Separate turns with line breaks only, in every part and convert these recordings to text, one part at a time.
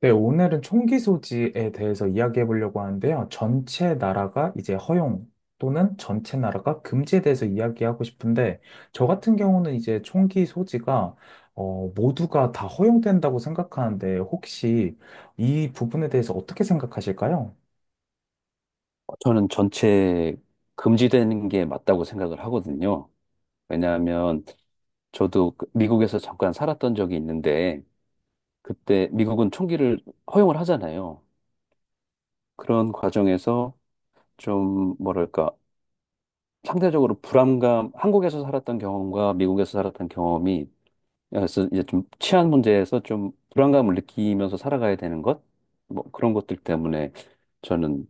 네, 오늘은 총기 소지에 대해서 이야기해 보려고 하는데요. 전체 나라가 이제 허용 또는 전체 나라가 금지에 대해서 이야기하고 싶은데, 저 같은 경우는 이제 총기 소지가 모두가 다 허용된다고 생각하는데, 혹시 이 부분에 대해서 어떻게 생각하실까요?
저는 전체 금지되는 게 맞다고 생각을 하거든요. 왜냐하면 저도 미국에서 잠깐 살았던 적이 있는데 그때 미국은 총기를 허용을 하잖아요. 그런 과정에서 좀 뭐랄까 상대적으로 불안감, 한국에서 살았던 경험과 미국에서 살았던 경험이 그래서 이제 좀 치안 문제에서 좀 불안감을 느끼면서 살아가야 되는 것, 뭐 그런 것들 때문에 저는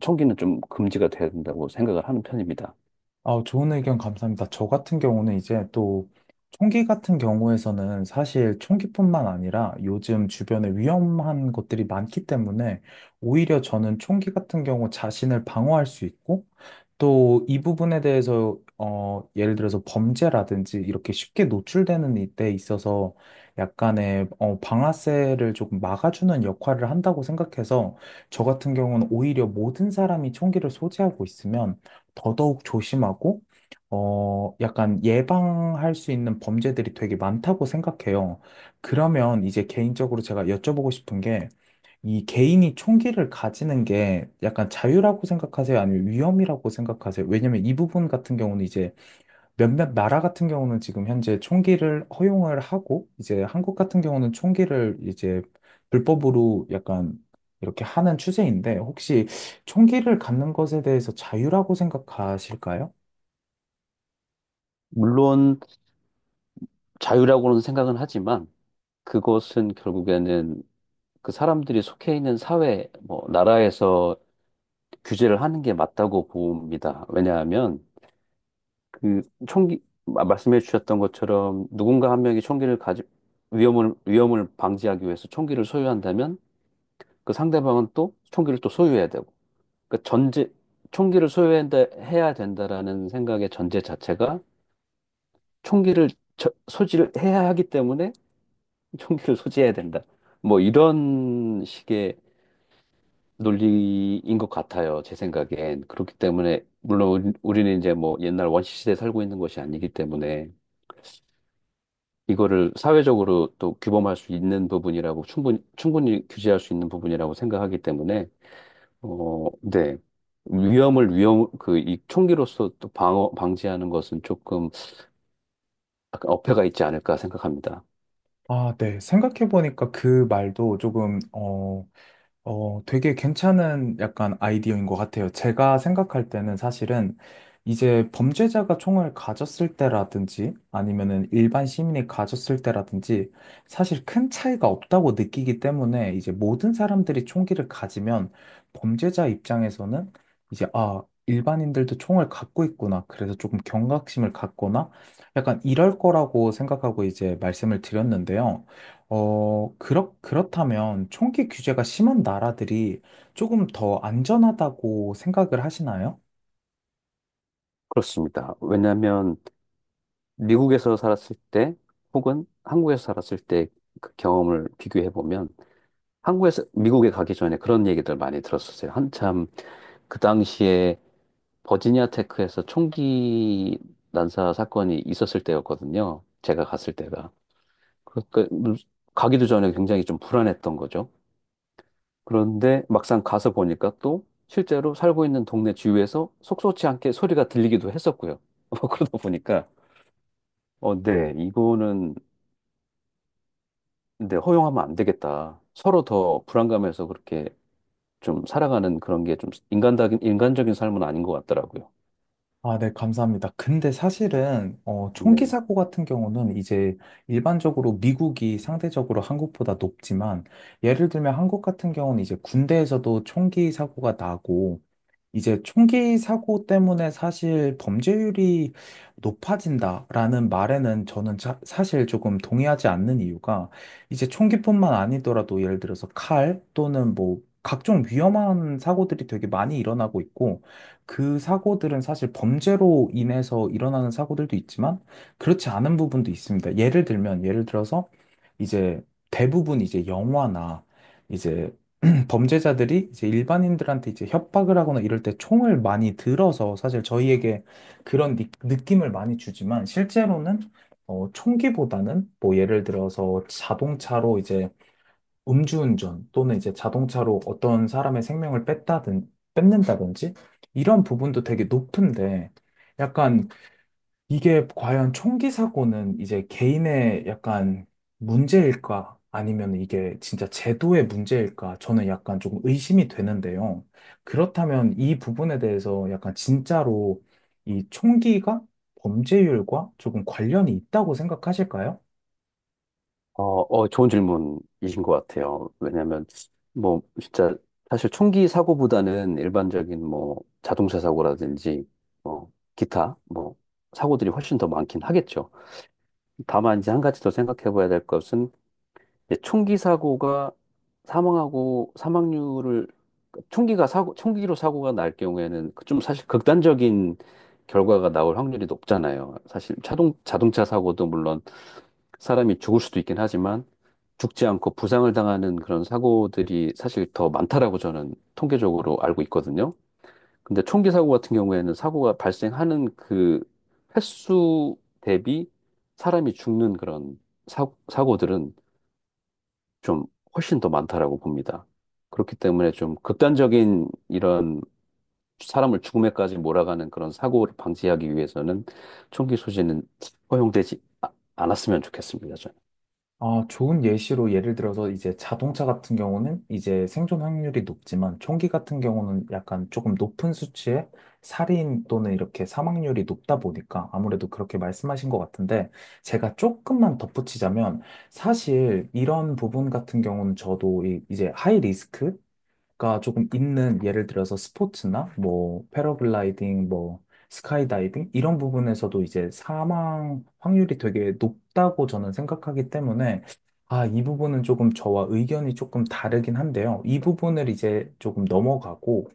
총기는 좀 금지가 돼야 된다고 생각을 하는 편입니다.
아, 좋은 의견 감사합니다. 저 같은 경우는 이제 또 총기 같은 경우에서는 사실 총기뿐만 아니라 요즘 주변에 위험한 것들이 많기 때문에 오히려 저는 총기 같은 경우 자신을 방어할 수 있고 또 이 부분에 대해서 예를 들어서 범죄라든지 이렇게 쉽게 노출되는 데 있어서 약간의 방아쇠를 조금 막아주는 역할을 한다고 생각해서 저 같은 경우는 오히려 모든 사람이 총기를 소지하고 있으면 더더욱 조심하고, 약간 예방할 수 있는 범죄들이 되게 많다고 생각해요. 그러면 이제 개인적으로 제가 여쭤보고 싶은 게, 이 개인이 총기를 가지는 게 약간 자유라고 생각하세요? 아니면 위험이라고 생각하세요? 왜냐면 이 부분 같은 경우는 이제 몇몇 나라 같은 경우는 지금 현재 총기를 허용을 하고, 이제 한국 같은 경우는 총기를 이제 불법으로 약간 이렇게 하는 추세인데, 혹시 총기를 갖는 것에 대해서 자유라고 생각하실까요?
물론 자유라고는 생각은 하지만 그것은 결국에는 그 사람들이 속해 있는 사회, 뭐, 나라에서 규제를 하는 게 맞다고 봅니다. 왜냐하면 그 총기, 말씀해 주셨던 것처럼 누군가 한 명이 총기를 가지, 위험을 방지하기 위해서 총기를 소유한다면 그 상대방은 또 총기를 또 소유해야 되고. 그 전제, 총기를 소유해야 된다라는 생각의 전제 자체가 총기를 소지를 해야 하기 때문에 총기를 소지해야 된다. 뭐 이런 식의 논리인 것 같아요. 제 생각엔. 그렇기 때문에 물론 우리는 이제 뭐 옛날 원시 시대에 살고 있는 것이 아니기 때문에 이거를 사회적으로 또 규범할 수 있는 부분이라고 충분히 규제할 수 있는 부분이라고 생각하기 때문에 네. 위험 그 이 총기로서 또 방어 방지하는 것은 조금 약간 어폐가 있지 않을까 생각합니다.
아, 네. 생각해보니까 그 말도 조금, 되게 괜찮은 약간 아이디어인 것 같아요. 제가 생각할 때는 사실은 이제 범죄자가 총을 가졌을 때라든지 아니면은 일반 시민이 가졌을 때라든지 사실 큰 차이가 없다고 느끼기 때문에 이제 모든 사람들이 총기를 가지면 범죄자 입장에서는 이제 아, 일반인들도 총을 갖고 있구나. 그래서 조금 경각심을 갖거나 약간 이럴 거라고 생각하고 이제 말씀을 드렸는데요. 그렇다면 총기 규제가 심한 나라들이 조금 더 안전하다고 생각을 하시나요?
그렇습니다. 왜냐하면 미국에서 살았을 때 혹은 한국에서 살았을 때 그 경험을 비교해 보면 한국에서 미국에 가기 전에 그런 얘기들 많이 들었었어요. 한참 그 당시에 버지니아 테크에서 총기 난사 사건이 있었을 때였거든요. 제가 갔을 때가. 그러니까 가기도 전에 굉장히 좀 불안했던 거죠. 그런데 막상 가서 보니까 또 실제로 살고 있는 동네 주위에서 속속지 않게 소리가 들리기도 했었고요. 뭐 그러다 보니까 네, 이거는 근데 허용하면 안 되겠다. 서로 더 불안감에서 그렇게 좀 살아가는 그런 게 좀 인간적인 삶은 아닌 것 같더라고요.
아, 네, 감사합니다. 근데 사실은, 총기
네.
사고 같은 경우는 이제 일반적으로 미국이 상대적으로 한국보다 높지만, 예를 들면 한국 같은 경우는 이제 군대에서도 총기 사고가 나고, 이제 총기 사고 때문에 사실 범죄율이 높아진다라는 말에는 저는 사실 조금 동의하지 않는 이유가 이제 총기뿐만 아니더라도 예를 들어서 칼 또는 뭐 각종 위험한 사고들이 되게 많이 일어나고 있고 그 사고들은 사실 범죄로 인해서 일어나는 사고들도 있지만 그렇지 않은 부분도 있습니다. 예를 들면 예를 들어서 이제 대부분 이제 영화나 이제 범죄자들이 이제 일반인들한테 이제 협박을 하거나 이럴 때 총을 많이 들어서 사실 저희에게 그런 느낌을 많이 주지만 실제로는 총기보다는 뭐 예를 들어서 자동차로 이제 음주운전 또는 이제 자동차로 어떤 사람의 생명을 뺐다든 뺏는다든지 이런 부분도 되게 높은데 약간 이게 과연 총기 사고는 이제 개인의 약간 문제일까? 아니면 이게 진짜 제도의 문제일까? 저는 약간 조금 의심이 되는데요. 그렇다면 이 부분에 대해서 약간 진짜로 이 총기가 범죄율과 조금 관련이 있다고 생각하실까요?
어, 좋은 질문이신 것 같아요. 왜냐면, 뭐, 진짜, 사실 총기 사고보다는 일반적인 뭐, 자동차 사고라든지, 뭐, 기타, 뭐, 사고들이 훨씬 더 많긴 하겠죠. 다만, 이제 한 가지 더 생각해 봐야 될 것은, 이제 총기 사고가 사망하고 사망률을 총기가 사고 총기로 사고가 날 경우에는 그좀 사실 극단적인 결과가 나올 확률이 높잖아요. 사실 자동차 사고도 물론 사람이 죽을 수도 있긴 하지만 죽지 않고 부상을 당하는 그런 사고들이 사실 더 많다라고 저는 통계적으로 알고 있거든요. 근데 총기 사고 같은 경우에는 사고가 발생하는 그 횟수 대비 사람이 죽는 그런 사고들은 좀 훨씬 더 많다라고 봅니다. 그렇기 때문에 좀 극단적인 이런 사람을 죽음에까지 몰아가는 그런 사고를 방지하기 위해서는 총기 소지는 허용되지 아- 않았으면 좋겠습니다. 저는.
아, 좋은 예시로 예를 들어서 이제 자동차 같은 경우는 이제 생존 확률이 높지만 총기 같은 경우는 약간 조금 높은 수치의 살인 또는 이렇게 사망률이 높다 보니까 아무래도 그렇게 말씀하신 것 같은데 제가 조금만 덧붙이자면 사실 이런 부분 같은 경우는 저도 이제 하이 리스크 가 조금 있는 예를 들어서 스포츠나 뭐 패러글라이딩 뭐 스카이다이빙 이런 부분에서도 이제 사망 확률이 되게 높다고 저는 생각하기 때문에 아, 이 부분은 조금 저와 의견이 조금 다르긴 한데요. 이 부분을 이제 조금 넘어가고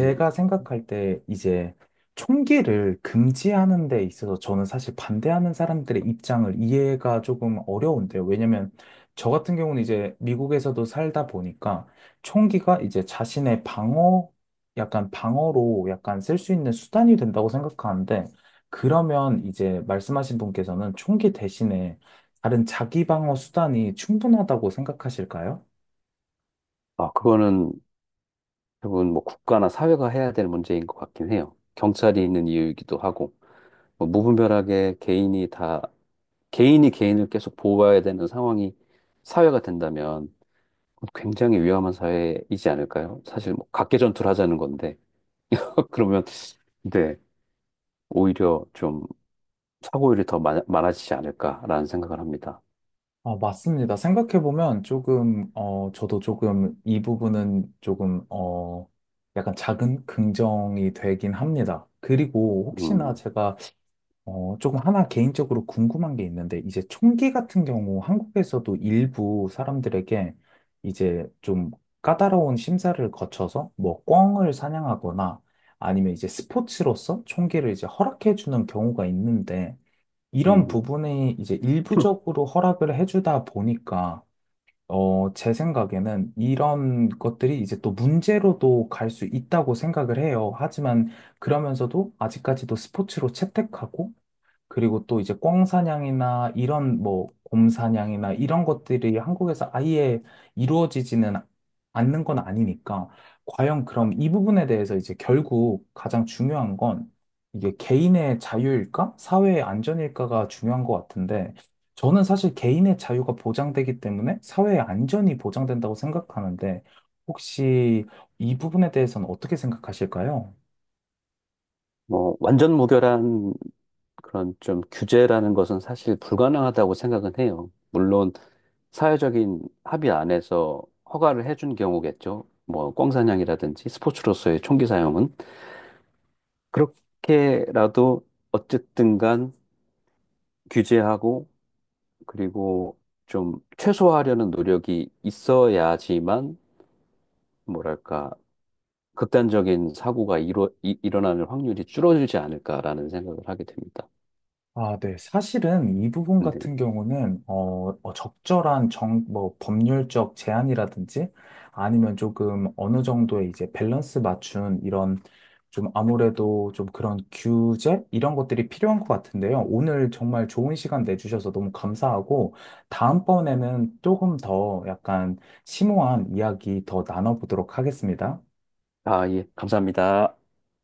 음.
생각할 때 이제 총기를 금지하는 데 있어서 저는 사실 반대하는 사람들의 입장을 이해가 조금 어려운데요. 왜냐면 저 같은 경우는 이제 미국에서도 살다 보니까 총기가 이제 자신의 방어, 약간 방어로 약간 쓸 수 있는 수단이 된다고 생각하는데, 그러면 이제 말씀하신 분께서는 총기 대신에 다른 자기 방어 수단이 충분하다고 생각하실까요?
아, 그거는 대부분 뭐 국가나 사회가 해야 될 문제인 것 같긴 해요. 경찰이 있는 이유이기도 하고 뭐 무분별하게 개인이 개인을 계속 보호해야 되는 상황이 사회가 된다면 굉장히 위험한 사회이지 않을까요? 사실 뭐 각개전투를 하자는 건데. 그러면, 네, 오히려 좀 사고율이 더 많아지지 않을까라는 생각을 합니다.
맞습니다. 생각해보면 조금, 저도 조금 이 부분은 조금, 약간 작은 긍정이 되긴 합니다. 그리고 혹시나
음,
제가 조금 하나 개인적으로 궁금한 게 있는데, 이제 총기 같은 경우 한국에서도 일부 사람들에게 이제 좀 까다로운 심사를 거쳐서 뭐 꿩을 사냥하거나 아니면 이제 스포츠로서 총기를 이제 허락해주는 경우가 있는데, 이런
음.
부분이 이제 일부적으로 허락을 해주다 보니까, 제 생각에는 이런 것들이 이제 또 문제로도 갈 수 있다고 생각을 해요. 하지만 그러면서도 아직까지도 스포츠로 채택하고, 그리고 또 이제 꿩사냥이나 이런 뭐 곰사냥이나 이런 것들이 한국에서 아예 이루어지지는 않는 건 아니니까 과연 그럼 이 부분에 대해서 이제 결국 가장 중요한 건 이게 개인의 자유일까? 사회의 안전일까가 중요한 것 같은데 저는 사실 개인의 자유가 보장되기 때문에 사회의 안전이 보장된다고 생각하는데 혹시 이 부분에 대해서는 어떻게 생각하실까요?
뭐, 완전 무결한 그런 좀 규제라는 것은 사실 불가능하다고 생각은 해요. 물론, 사회적인 합의 안에서 허가를 해준 경우겠죠. 뭐, 꽝사냥이라든지 스포츠로서의 총기 사용은. 그렇게라도 어쨌든 간 규제하고, 그리고 좀 최소화하려는 노력이 있어야지만 뭐랄까, 극단적인 사고가 일어나는 확률이 줄어들지 않을까라는 생각을 하게 됩니다.
아, 네. 사실은 이 부분
근데,
같은 경우는, 적절한 법률적 제한이라든지 아니면 조금 어느 정도의 이제 밸런스 맞춘 이런 좀 아무래도 좀 그런 규제? 이런 것들이 필요한 것 같은데요. 오늘 정말 좋은 시간 내주셔서 너무 감사하고, 다음번에는 조금 더 약간 심오한 이야기 더 나눠보도록 하겠습니다.
아, 예, 감사합니다.